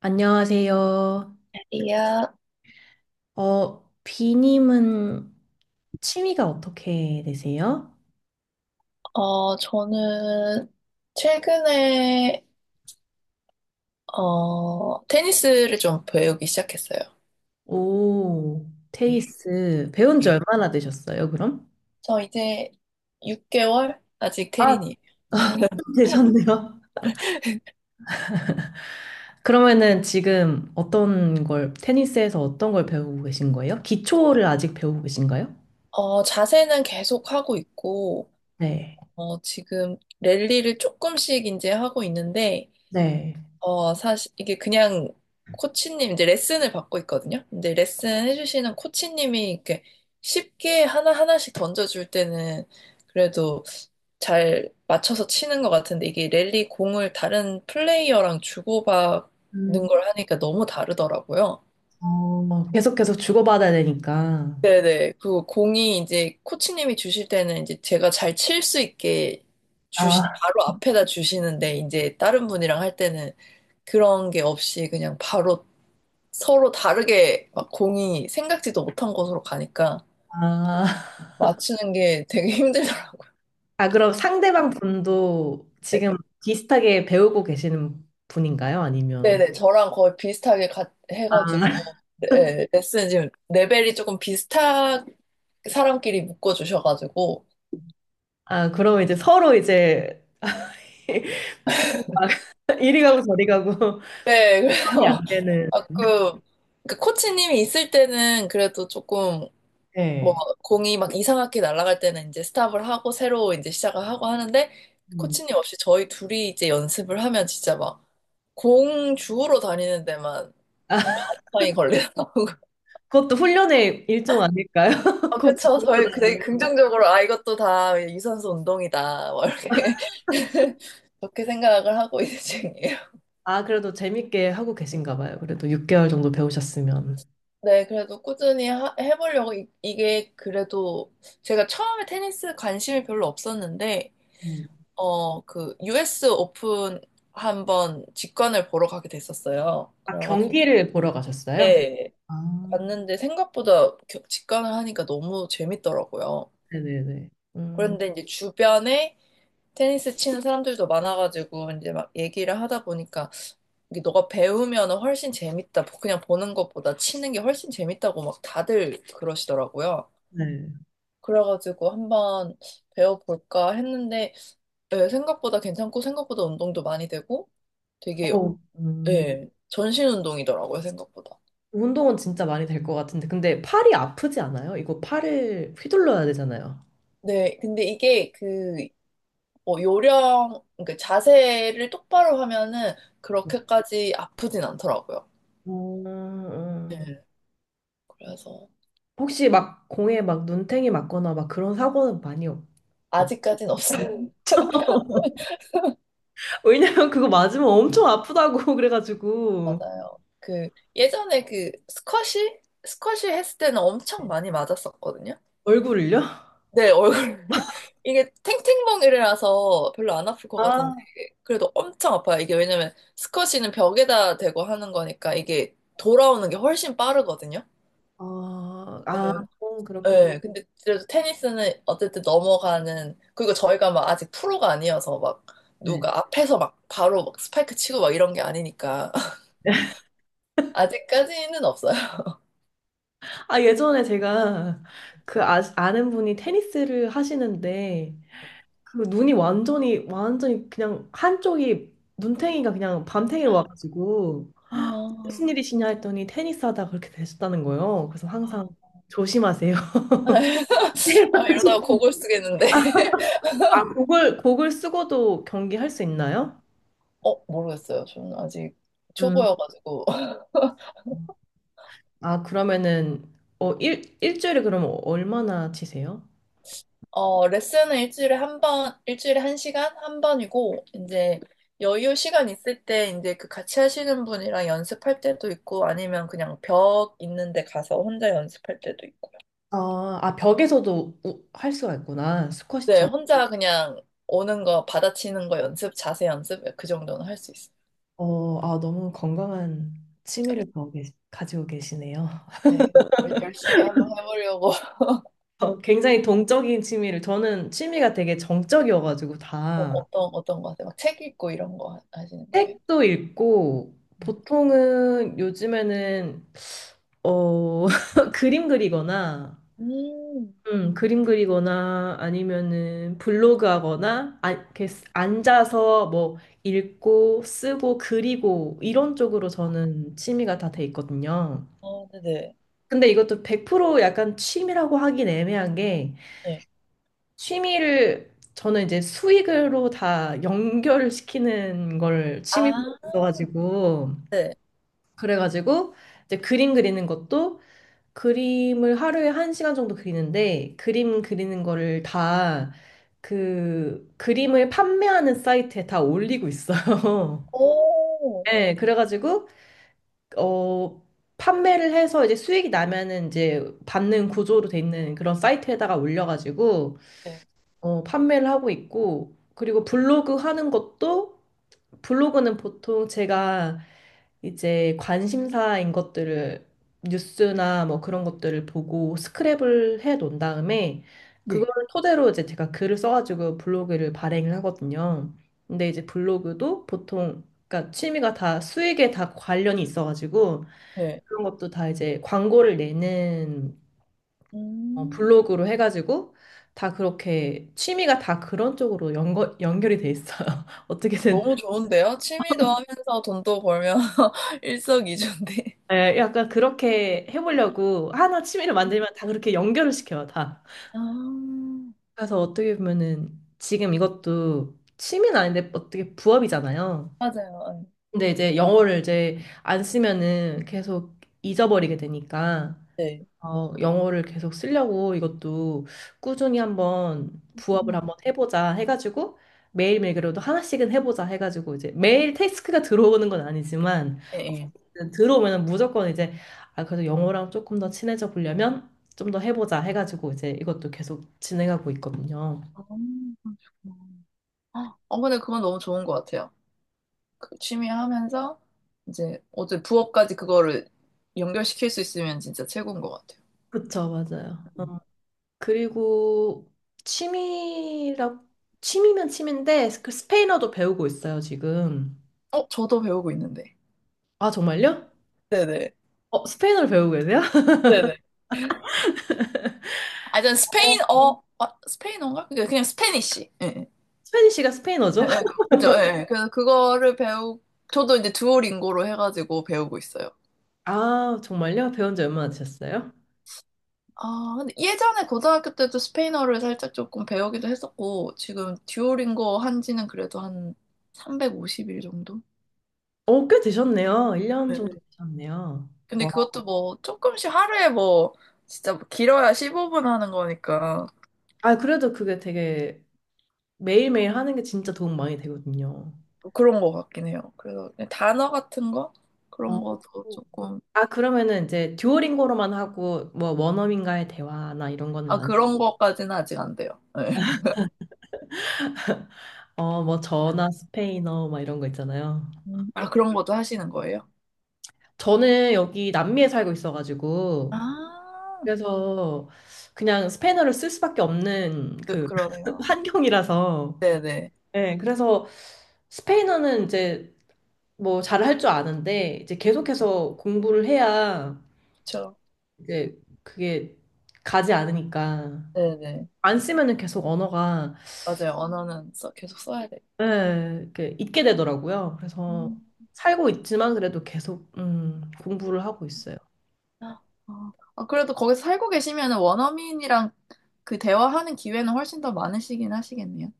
안녕하세요. 이야, 어, 비님은 취미가 어떻게 되세요? 저는 최근에, 테니스를 좀 배우기 시작했어요. 오, 예, 테니스 배운 지 예. 얼마나 되셨어요, 그럼? 저 이제 6개월? 아직 아, 테린이에요. 좀 되셨네요. 그러면은 지금 테니스에서 어떤 걸 배우고 계신 거예요? 기초를 아직 배우고 계신가요? 자세는 계속 하고 있고, 네. 지금 랠리를 조금씩 이제 하고 있는데, 네. 사실 이게 그냥 코치님 이제 레슨을 받고 있거든요. 근데 레슨 해주시는 코치님이 이렇게 쉽게 하나하나씩 던져줄 때는 그래도 잘 맞춰서 치는 것 같은데 이게 랠리 공을 다른 플레이어랑 주고받는 음, 걸 하니까 너무 다르더라고요. 어, 계속해서 주고받아야 되니까. 네네. 그 공이 이제 코치님이 주실 때는 이제 제가 잘 칠 수 있게 주시, 아. 바로 앞에다 주시는데 이제 다른 분이랑 할 때는 그런 게 없이 그냥 바로 서로 다르게 막 공이 생각지도 못한 곳으로 가니까 아, 맞추는 게 되게 힘들더라고요. 아, 그럼 상대방 분도 네, 지금 비슷하게 배우고 계시는 분인가요? 아니면 네네, 저랑 거의 비슷하게 아, 해가지고 네, 네, 레슨 지금 레벨이 조금 비슷한 사람끼리 묶어주셔가지고 아, 그럼 이제 서로 이제 공이 막 이리 가고 저리 가고 네, 손이 안 그래서 되는 가끔 그 코치님이 있을 때는 그래도 조금 뭐 네. 공이 막 이상하게 날아갈 때는 이제 스탑을 하고 새로 이제 시작을 하고 하는데 음. 코치님 없이 저희 둘이 이제 연습을 하면 진짜 막 공 주우러 다니는 데만 아, 반파이 걸리더라고. 그것도 훈련의 일종 아닐까요? 아, 그쵸. 저희 되게 니 긍정적으로 아 이것도 다 유산소 운동이다. 뭐 이렇게 그렇게 생각을 하고 있는 중이에요. 아, 그래도 재밌게 하고 계신가 봐요. 그래도 6개월 정도 배우셨으면. 네, 그래도 꾸준히 해보려고 이게 그래도 제가 처음에 테니스 관심이 별로 없었는데 음. 어, 그, US 오픈 한번 직관을 보러 가게 됐었어요. 아, 그래가지고, 경기를 보러 가셨어요? 그때 아, 갔는데 생각보다 직관을 하니까 너무 재밌더라고요. 네네네. 음, 그런데 이제 주변에 테니스 치는 사람들도 많아가지고, 이제 막 얘기를 하다 보니까, 이게 너가 배우면 훨씬 재밌다. 그냥 보는 것보다 치는 게 훨씬 재밌다고 막 다들 그러시더라고요. 네. 그래가지고 한번 배워볼까 했는데, 네, 생각보다 괜찮고, 생각보다 운동도 많이 되고, 되게 어, 음. 예, 전신 운동이더라고요, 생각보다. 운동은 진짜 많이 될 것 같은데. 근데 팔이 아프지 않아요? 이거 팔을 휘둘러야 되잖아요. 네, 근데 이게 그, 뭐, 요령, 그러니까 자세를 똑바로 하면은 그렇게까지 아프진 않더라고요. 음, 음. 네, 그래서 혹시 막 공에 막 눈탱이 맞거나 막 그런 사고는 많이 없, 없. 아직까진 없어요. 왜냐면 그거 맞으면 엄청 아프다고 그래가지고. 맞아요. 그, 예전에 그, 스쿼시? 스쿼시 했을 때는 엄청 많이 맞았었거든요. 얼굴을요? 네, 얼굴. 이게 탱탱멍이라서 별로 안 아플 것 같은데, 아, 그래도 엄청 아파요. 이게 왜냐면 스쿼시는 벽에다 대고 하는 거니까 이게 돌아오는 게 훨씬 빠르거든요. 어, 아, 예, 어, 그렇구나. 예. 근데 그래도 테니스는 어쨌든 넘어가는, 그리고 저희가 막 아직 프로가 아니어서 막 네. 누가 앞에서 막 바로 막 스파이크 치고 막 이런 게 아니니까. 아직까지는 없어요. 아, 예전에 제가 그 아, 아는 분이 테니스를 하시는데 그 눈이 완전히 완전히 그냥 한쪽이 눈탱이가 그냥 밤탱이로 와가지고 아, 무슨 일이시냐 했더니 테니스 하다 그렇게 되셨다는 거예요. 그래서 항상 아. 조심하세요. 아, 이러다가 고글 쓰겠는데. 아, 곡을 쓰고도 경기할 수 있나요? 모르겠어요. 저는 아직 음. 초보여가지고. 아, 그러면은 어, 일, 일주일에 그러면 얼마나 치세요? 어, 레슨은 일주일에 한 번, 일주일에 한 시간? 한 번이고, 이제 여유 시간 있을 때 이제 그 같이 하시는 분이랑 연습할 때도 있고, 아니면 그냥 벽 있는데 가서 혼자 연습할 때도 있고요. 아, 아 벽에서도 할 수가 있구나. 네, 스쿼시처럼. 혼자 그냥 오는 거, 받아치는 거 연습, 자세 연습, 그 정도는 할 수 있어요. 어, 아, 너무 건강한 취미를 가지고 계시네요. 네, 열심히 한번 해보려고. 어, 굉장히 동적인 취미를 저는 취미가 되게 정적이어가지고 다 어떤, 어떤 거 하세요? 막 책 읽고 이런 거 하시는 거예요? 책도 읽고 보통은 요즘에는 어 그림 그리거나 음, 그림 그리거나 아니면은 블로그 하거나 아, 이렇게 앉아서 뭐 읽고 쓰고 그리고 이런 쪽으로 저는 취미가 다 돼 있거든요. 어, 네네. 근데 이것도 100% 약간 취미라고 하긴 애매한 게 네. 취미를 저는 이제 수익으로 다 연결시키는 걸 취미로 아, 있어가지고 네. 그래가지고 이제 그림 그리는 것도 그림을 하루에 1시간 정도 그리는데 그림 그리는 거를 다 그 그림을 판매하는 사이트에 다 올리고 있어요. 오, 네, 그래가지고 어 판매를 해서 이제 수익이 나면은 이제 받는 구조로 돼 있는 그런 사이트에다가 올려가지고 네. 어, 판매를 하고 있고, 그리고 블로그 하는 것도, 블로그는 보통 제가 이제 관심사인 것들을, 뉴스나 뭐 그런 것들을 보고 스크랩을 해 놓은 다음에, 네. 그거를 토대로 이제 제가 글을 써가지고 블로그를 발행을 하거든요. 근데 이제 블로그도 보통, 그러니까 취미가 다 수익에 다 관련이 있어가지고, 네. 그런 것도 다 이제 광고를 내는 어, 음. 블로그로 해가지고 다 그렇게 취미가 다 그런 쪽으로 연결이 돼 있어요. 어떻게든 너무 좋은데요? 취미도 하면서 돈도 벌면 일석이조인데. 예, 약간 그렇게 해보려고 하나 취미를 만들면 다 그렇게 연결을 시켜요, 다. 아, 그래서 어떻게 보면은 지금 이것도 취미는 아닌데 어떻게 부업이잖아요. 맞아요. 근데 이제 영어를 이제 안 쓰면은 계속 잊어버리게 되니까. 네. 어, 영어를 계속 쓰려고 이것도 꾸준히 한번 부업을 음. 한번 해보자 해가지고 매일매일 그래도 하나씩은 해보자 해가지고 이제 매일 태스크가 들어오는 건 아니지만 예, 예. 어쨌든 들어오면 무조건 이제 아, 그래도 영어랑 조금 더 친해져 보려면 좀 더 해보자 해가지고 이제 이것도 계속 진행하고 있거든요. 아, 그러시구나. 아, 근데 그건 너무 좋은 것 같아요. 그 취미 하면서 이제 어제 부업까지 그거를 연결시킬 수 있으면 진짜 최고인 것 같아요. 그쵸, 맞아요. 음. 어, 그리고 취미라, 취미면 취미인데 그 스페인어도 배우고 있어요, 지금. 저도 배우고 있는데. 아, 정말요? 네네. 어, 스페인어를 배우고 계세요? 네네. 아, 전 어, 스페인어, 아, 스페인어인가? 그냥 스페니쉬. 예, 예. 스페니쉬가 스페인어죠? 예, 예, 그죠, 예. 예. 그래서 그거를 배우, 저도 이제 두오링고로 해가지고 배우고 있어요. 아, 정말요? 배운 지 얼마나 되셨어요? 아, 근데 예전에 고등학교 때도 스페인어를 살짝 조금 배우기도 했었고, 지금 듀오링고 한 지는 그래도 한 350일 정도? 어, 꽤 되셨네요. 1년 정도 네. 되셨네요. 근데 와. 그것도 뭐 조금씩 하루에 뭐, 진짜 뭐 길어야 15분 하는 거니까 아, 그래도 그게 되게 매일매일 하는 게 진짜 도움 많이 되거든요. 뭐 그런 거 같긴 해요. 그래서 그냥 단어 같은 거? 어. 그런 것도 조금, 아, 그러면은 이제 듀오링고로만 하고 뭐 원어민과의 대화나 이런 거는 아, 안, 그런 것까지는 아직 안 돼요. 네. 어, 뭐 저나 스페인어 막 이런 거 있잖아요. 음. 아, 그런 것도 하시는 거예요? 저는 여기 남미에 살고 있어가지고 아. 그래서 그냥 스페인어를 쓸 수밖에 없는 그 그러네요. 환경이라서 네네. 네, 그래서 스페인어는 이제 뭐 잘 할 줄 아는데 이제 계속해서 공부를 해야 그쵸? 이제 그게 가지 않으니까 네네. 안 쓰면은 계속 언어가 맞아요. 언어는 써, 계속 써야 돼요. 네, 이렇게 잊게 되더라고요. 그래서 음. 살고 있지만 그래도 계속 공부를 하고 있어요. 아, 아, 그래도 거기서 살고 계시면 원어민이랑 그 대화하는 기회는 훨씬 더 많으시긴 하시겠네요.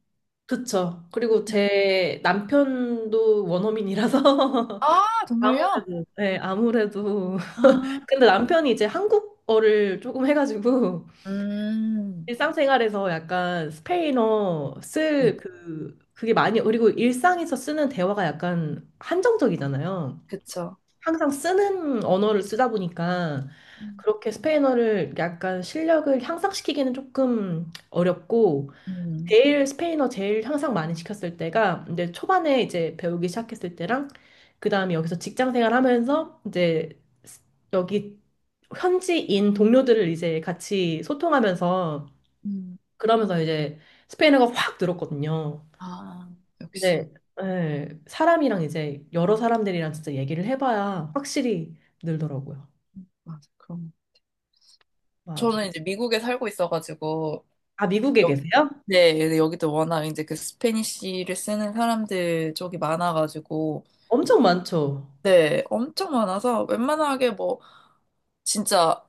그쵸. 그리고 제 남편도 원어민이라서 아, 정말요? 아무래도 네, 아무래도 아, 근데 남편이 이제 한국어를 조금 해가지고 음, 일상생활에서 약간 스페인어 네, 쓸 그, 그게 많이, 그리고 일상에서 쓰는 대화가 약간 한정적이잖아요. 그쵸. 항상 쓰는 언어를 쓰다 보니까 음. 그렇게 스페인어를 약간 실력을 향상시키기는 조금 어렵고, 음, 제일 스페인어 제일 향상 많이 시켰을 때가 이제 초반에 이제 배우기 시작했을 때랑, 그 다음에 여기서 직장 생활 하면서 이제 여기 현지인 동료들을 이제 같이 소통하면서 음, 그러면서 이제 스페인어가 확 늘었거든요. 아, 역시. 근데 예, 사람이랑 이제 여러 사람들이랑 진짜 얘기를 해봐야 확실히 늘더라고요. 맞아, 그럼. 맞아. 저는 이제 미국에 살고 있어가지고, 아, 미국에 여, 계세요? 네, 네, 여기도 워낙 이제 그 스페니쉬를 쓰는 사람들 쪽이 많아가지고, 엄청 많죠. 네, 엄청 많아서 웬만하게 뭐 진짜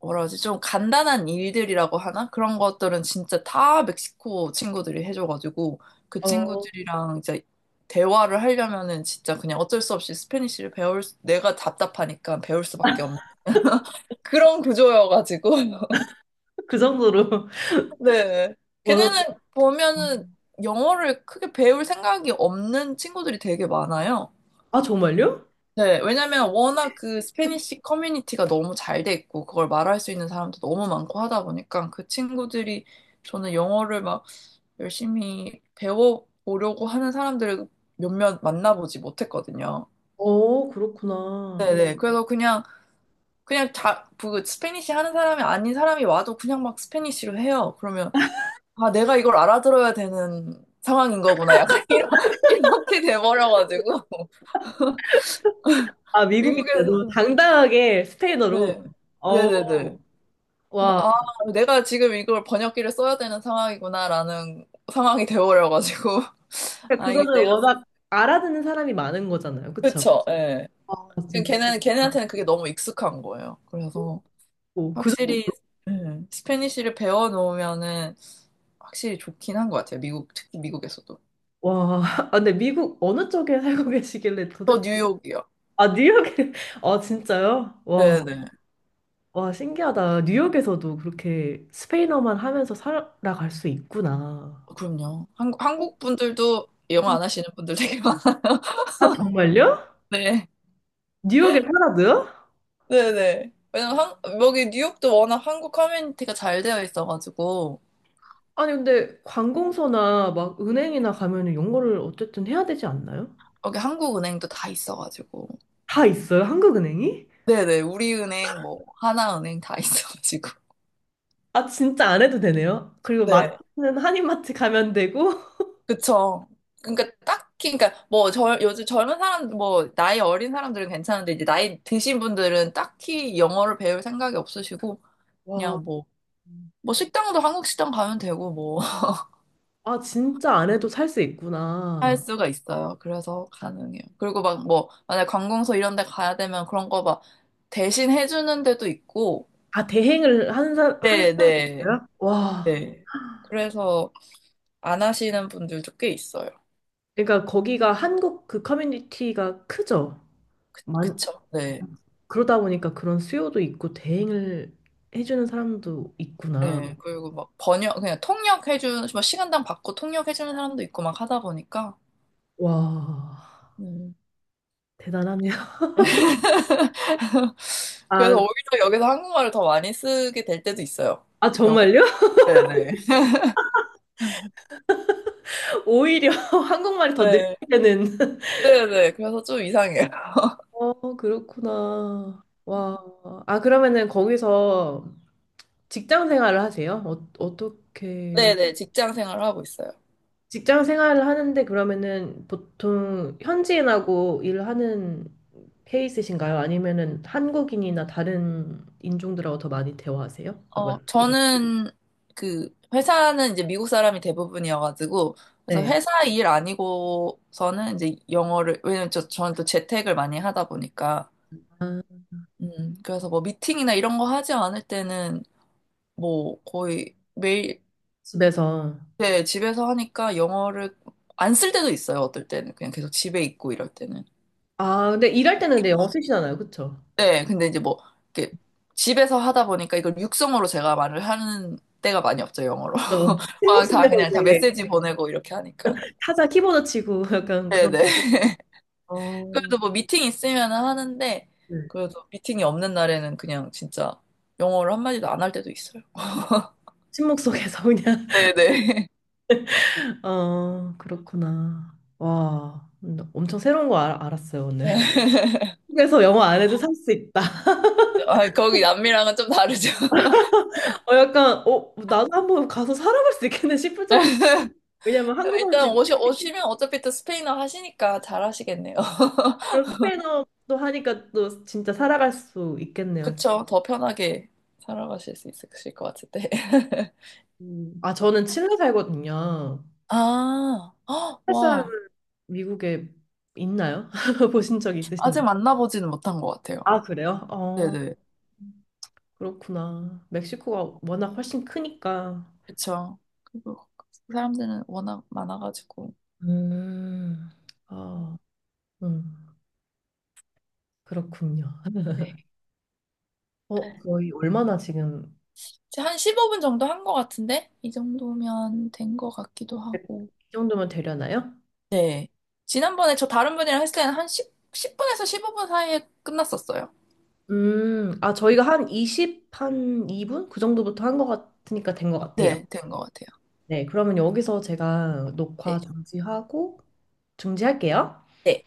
뭐라 하지 좀 간단한 일들이라고 하나? 그런 것들은 진짜 다 멕시코 친구들이 해줘가지고 그 어, 친구들이랑 이제 대화를 하려면은 진짜 그냥 어쩔 수 없이 스페니쉬를 내가 답답하니까 배울 수밖에 없는 그런 구조여가지고 그 정도로 네. 언어. 걔네는 보면은 영어를 크게 배울 생각이 없는 친구들이 되게 많아요. 아, 정말요? 네, 왜냐면 워낙 그 스페니쉬 커뮤니티가 너무 잘 돼 있고 그걸 말할 수 있는 사람도 너무 많고 하다 보니까 그 친구들이 저는 영어를 막 열심히 배워보려고 하는 사람들을 몇몇 만나보지 못했거든요. 어, 그렇구나. 네네. 음. 그래서 그냥, 그냥 자, 그 스페니쉬 하는 사람이 아닌 사람이 와도 그냥 막 스페니쉬로 해요. 그러면, 아, 내가 이걸 알아들어야 되는 상황인 거구나. 약간 이런, 이렇게 돼버려가지고. 아, 미국이 그래도 미국에서, 당당하게 스페인어로. 네. 어, 네네네. 그래서 와. 아, 내가 지금 이걸 번역기를 써야 되는 상황이구나라는 상황이 되어버려가지고. 그러니까 아, 이게 그거는 내가, 워낙 알아듣는 사람이 많은 거잖아요. 그쵸? 그쵸, 예. 아, 그냥 진짜. 걔는, 걔네한테는 그게 너무 익숙한 거예요. 그래서 오, 그 확실히, 정도. 예, 스페니쉬를 배워놓으면은 확실히 좋긴 한 것 같아요. 미국, 특히 미국에서도. 와, 아, 근데 미국 어느 쪽에 살고 계시길래 저 도대체, 뉴욕이요. 아, 뉴욕에, 아, 진짜요? 와, 네네. 와, 신기하다. 뉴욕에서도 그렇게 스페인어만 하면서 살아갈 수 있구나. 그럼요. 한, 한국 분들도 영어 안 하시는 분들 되게 많은데. 아, 정말요? 뉴욕에 살아도요? 네네. 왜냐면 한, 여기 뉴욕도 워낙 한국 커뮤니티가 잘 되어 있어가지고. 아니, 근데 관공서나 막 은행이나 가면은 영어를 어쨌든 해야 되지 않나요? 여기 한국은행도 다 있어가지고. 다 있어요, 한국은행이? 네네, 우리은행, 뭐, 하나은행 다 있어가지고. 아, 진짜 안 해도 되네요. 그리고 네, 마트는 한인마트 가면 되고, 그쵸. 그러니까 딱히, 그러니까 뭐, 저, 요즘 젊은 사람, 뭐, 나이 어린 사람들은 괜찮은데, 이제 나이 드신 분들은 딱히 영어를 배울 생각이 없으시고, 와, 그냥 뭐, 뭐, 식당도 한국 식당 가면 되고, 뭐, 아, 진짜 안 해도 살 수 할 있구나. 수가 있어요. 그래서 가능해요. 그리고 막 뭐, 만약 관공서 이런 데 가야 되면 그런 거 막, 대신 해주는 데도 있고, 아, 대행을 하는 네네, 사람이 네. 있어요? 와. 네, 네. 그래서 안 하시는 분들도 꽤 있어요. 그러니까 거기가 한국 그 커뮤니티가 크죠? 많, 그쵸? 네. 그러다 보니까 그런 수요도 있고 대행을 해주는 사람도 있구나. 네. 그리고 막 번역, 그냥 통역해주는, 뭐 시간당 받고 통역해주는 사람도 있고 막 하다 보니까. 와, 음. 대단하네요. 아, 그래서 오히려 여기서 한국말을 더 많이 쓰게 될 때도 있어요. 아 영어. 정말요? 네네. 오히려 한국말이 더 네. 늘리는. 네네. 그래서 좀 이상해요. 어, 그렇구나. 와. 아, 그러면은 거기서 직장 생활을 하세요? 어, 어떻게 네네. 직장 생활을 하고 있어요. 직장 생활을 하는데 그러면은 보통 현지인하고 일하는 케이스신가요? 아니면은 한국인이나 다른 인종들하고 더 많이 대화하세요? 아, 뭐야? 저는 그, 회사는 이제 미국 사람이 대부분이어가지고, 그래서 네. 회사 일 아니고서는 이제 영어를, 왜냐면 저, 저는 또 재택을 많이 하다 보니까, 아, 그래서 뭐 미팅이나 이런 거 하지 않을 때는 뭐 거의 매일 집에서. 네, 집에서 하니까 영어를 안 쓸 때도 있어요. 어떨 때는 그냥 계속 집에 있고 이럴 때는. 아, 근데 일할 때는 근데 영어 쓰시잖아요. 그쵸? 네, 근데 이제 뭐 이렇게 집에서 하다 보니까 이걸 육성으로 제가 말을 하는 때가 많이 없죠, 영어로. 저 침묵 막 다 속에서 그냥 다 이제 메시지 보내고 이렇게 하니까. 타자 키보드 치고 약간 그런, 네네. 어, 그래도 뭐 미팅 있으면 하는데 네. 그래도 미팅이 없는 날에는 그냥 진짜 영어를 한마디도 안 할 때도 있어요. 침묵 속에서 그냥, 네네. 어, 그렇구나. 와, 엄청 새로운 거 알, 알았어요, 오늘. 한에서 영어 안 해도 살 수 있다. 아, 거기 남미랑은 좀 다르죠. 어, 약간, 어, 나도 한번 가서 살아갈 수 있겠네 싶을 정도. 왜냐면 한국어할 수 일단 있지. 오시, 오시면 어차피 또 스페인어 하시니까 잘 하시겠네요. 그럼 스페인어도 하니까 또 진짜 살아갈 수 있겠네요. 그쵸? 더 편하게 살아가실 수 있으실 것 같은데. 음. 아, 저는 칠레 살거든요. 아, 헉, 칠레 사람 와. 미국에 있나요? 보신 적 아직 있으신가요? 만나보지는 못한 것 같아요. 아, 그래요? 어, 네네. 그렇구나. 멕시코가 워낙 훨씬 크니까. 그쵸. 그리고 사람들은 워낙 많아가지고. 음, 아, 음, 그렇군요. 네. 어, 거의 얼마나 지금, 이제 한 15분 정도 한 것 같은데? 이 정도면 된 것 같기도 하고. 이 정도면 되려나요? 네. 지난번에 저 다른 분이랑 했을 때는 한 10분에서 15분 사이에 끝났었어요. 아, 저희가 한 20, 한이 분 그 정도부터 한 것 같으니까 된 것 같아요. 네, 된 것 같아요. 네, 그러면 여기서 제가 녹화 네. 중지하고, 중지할게요. 네.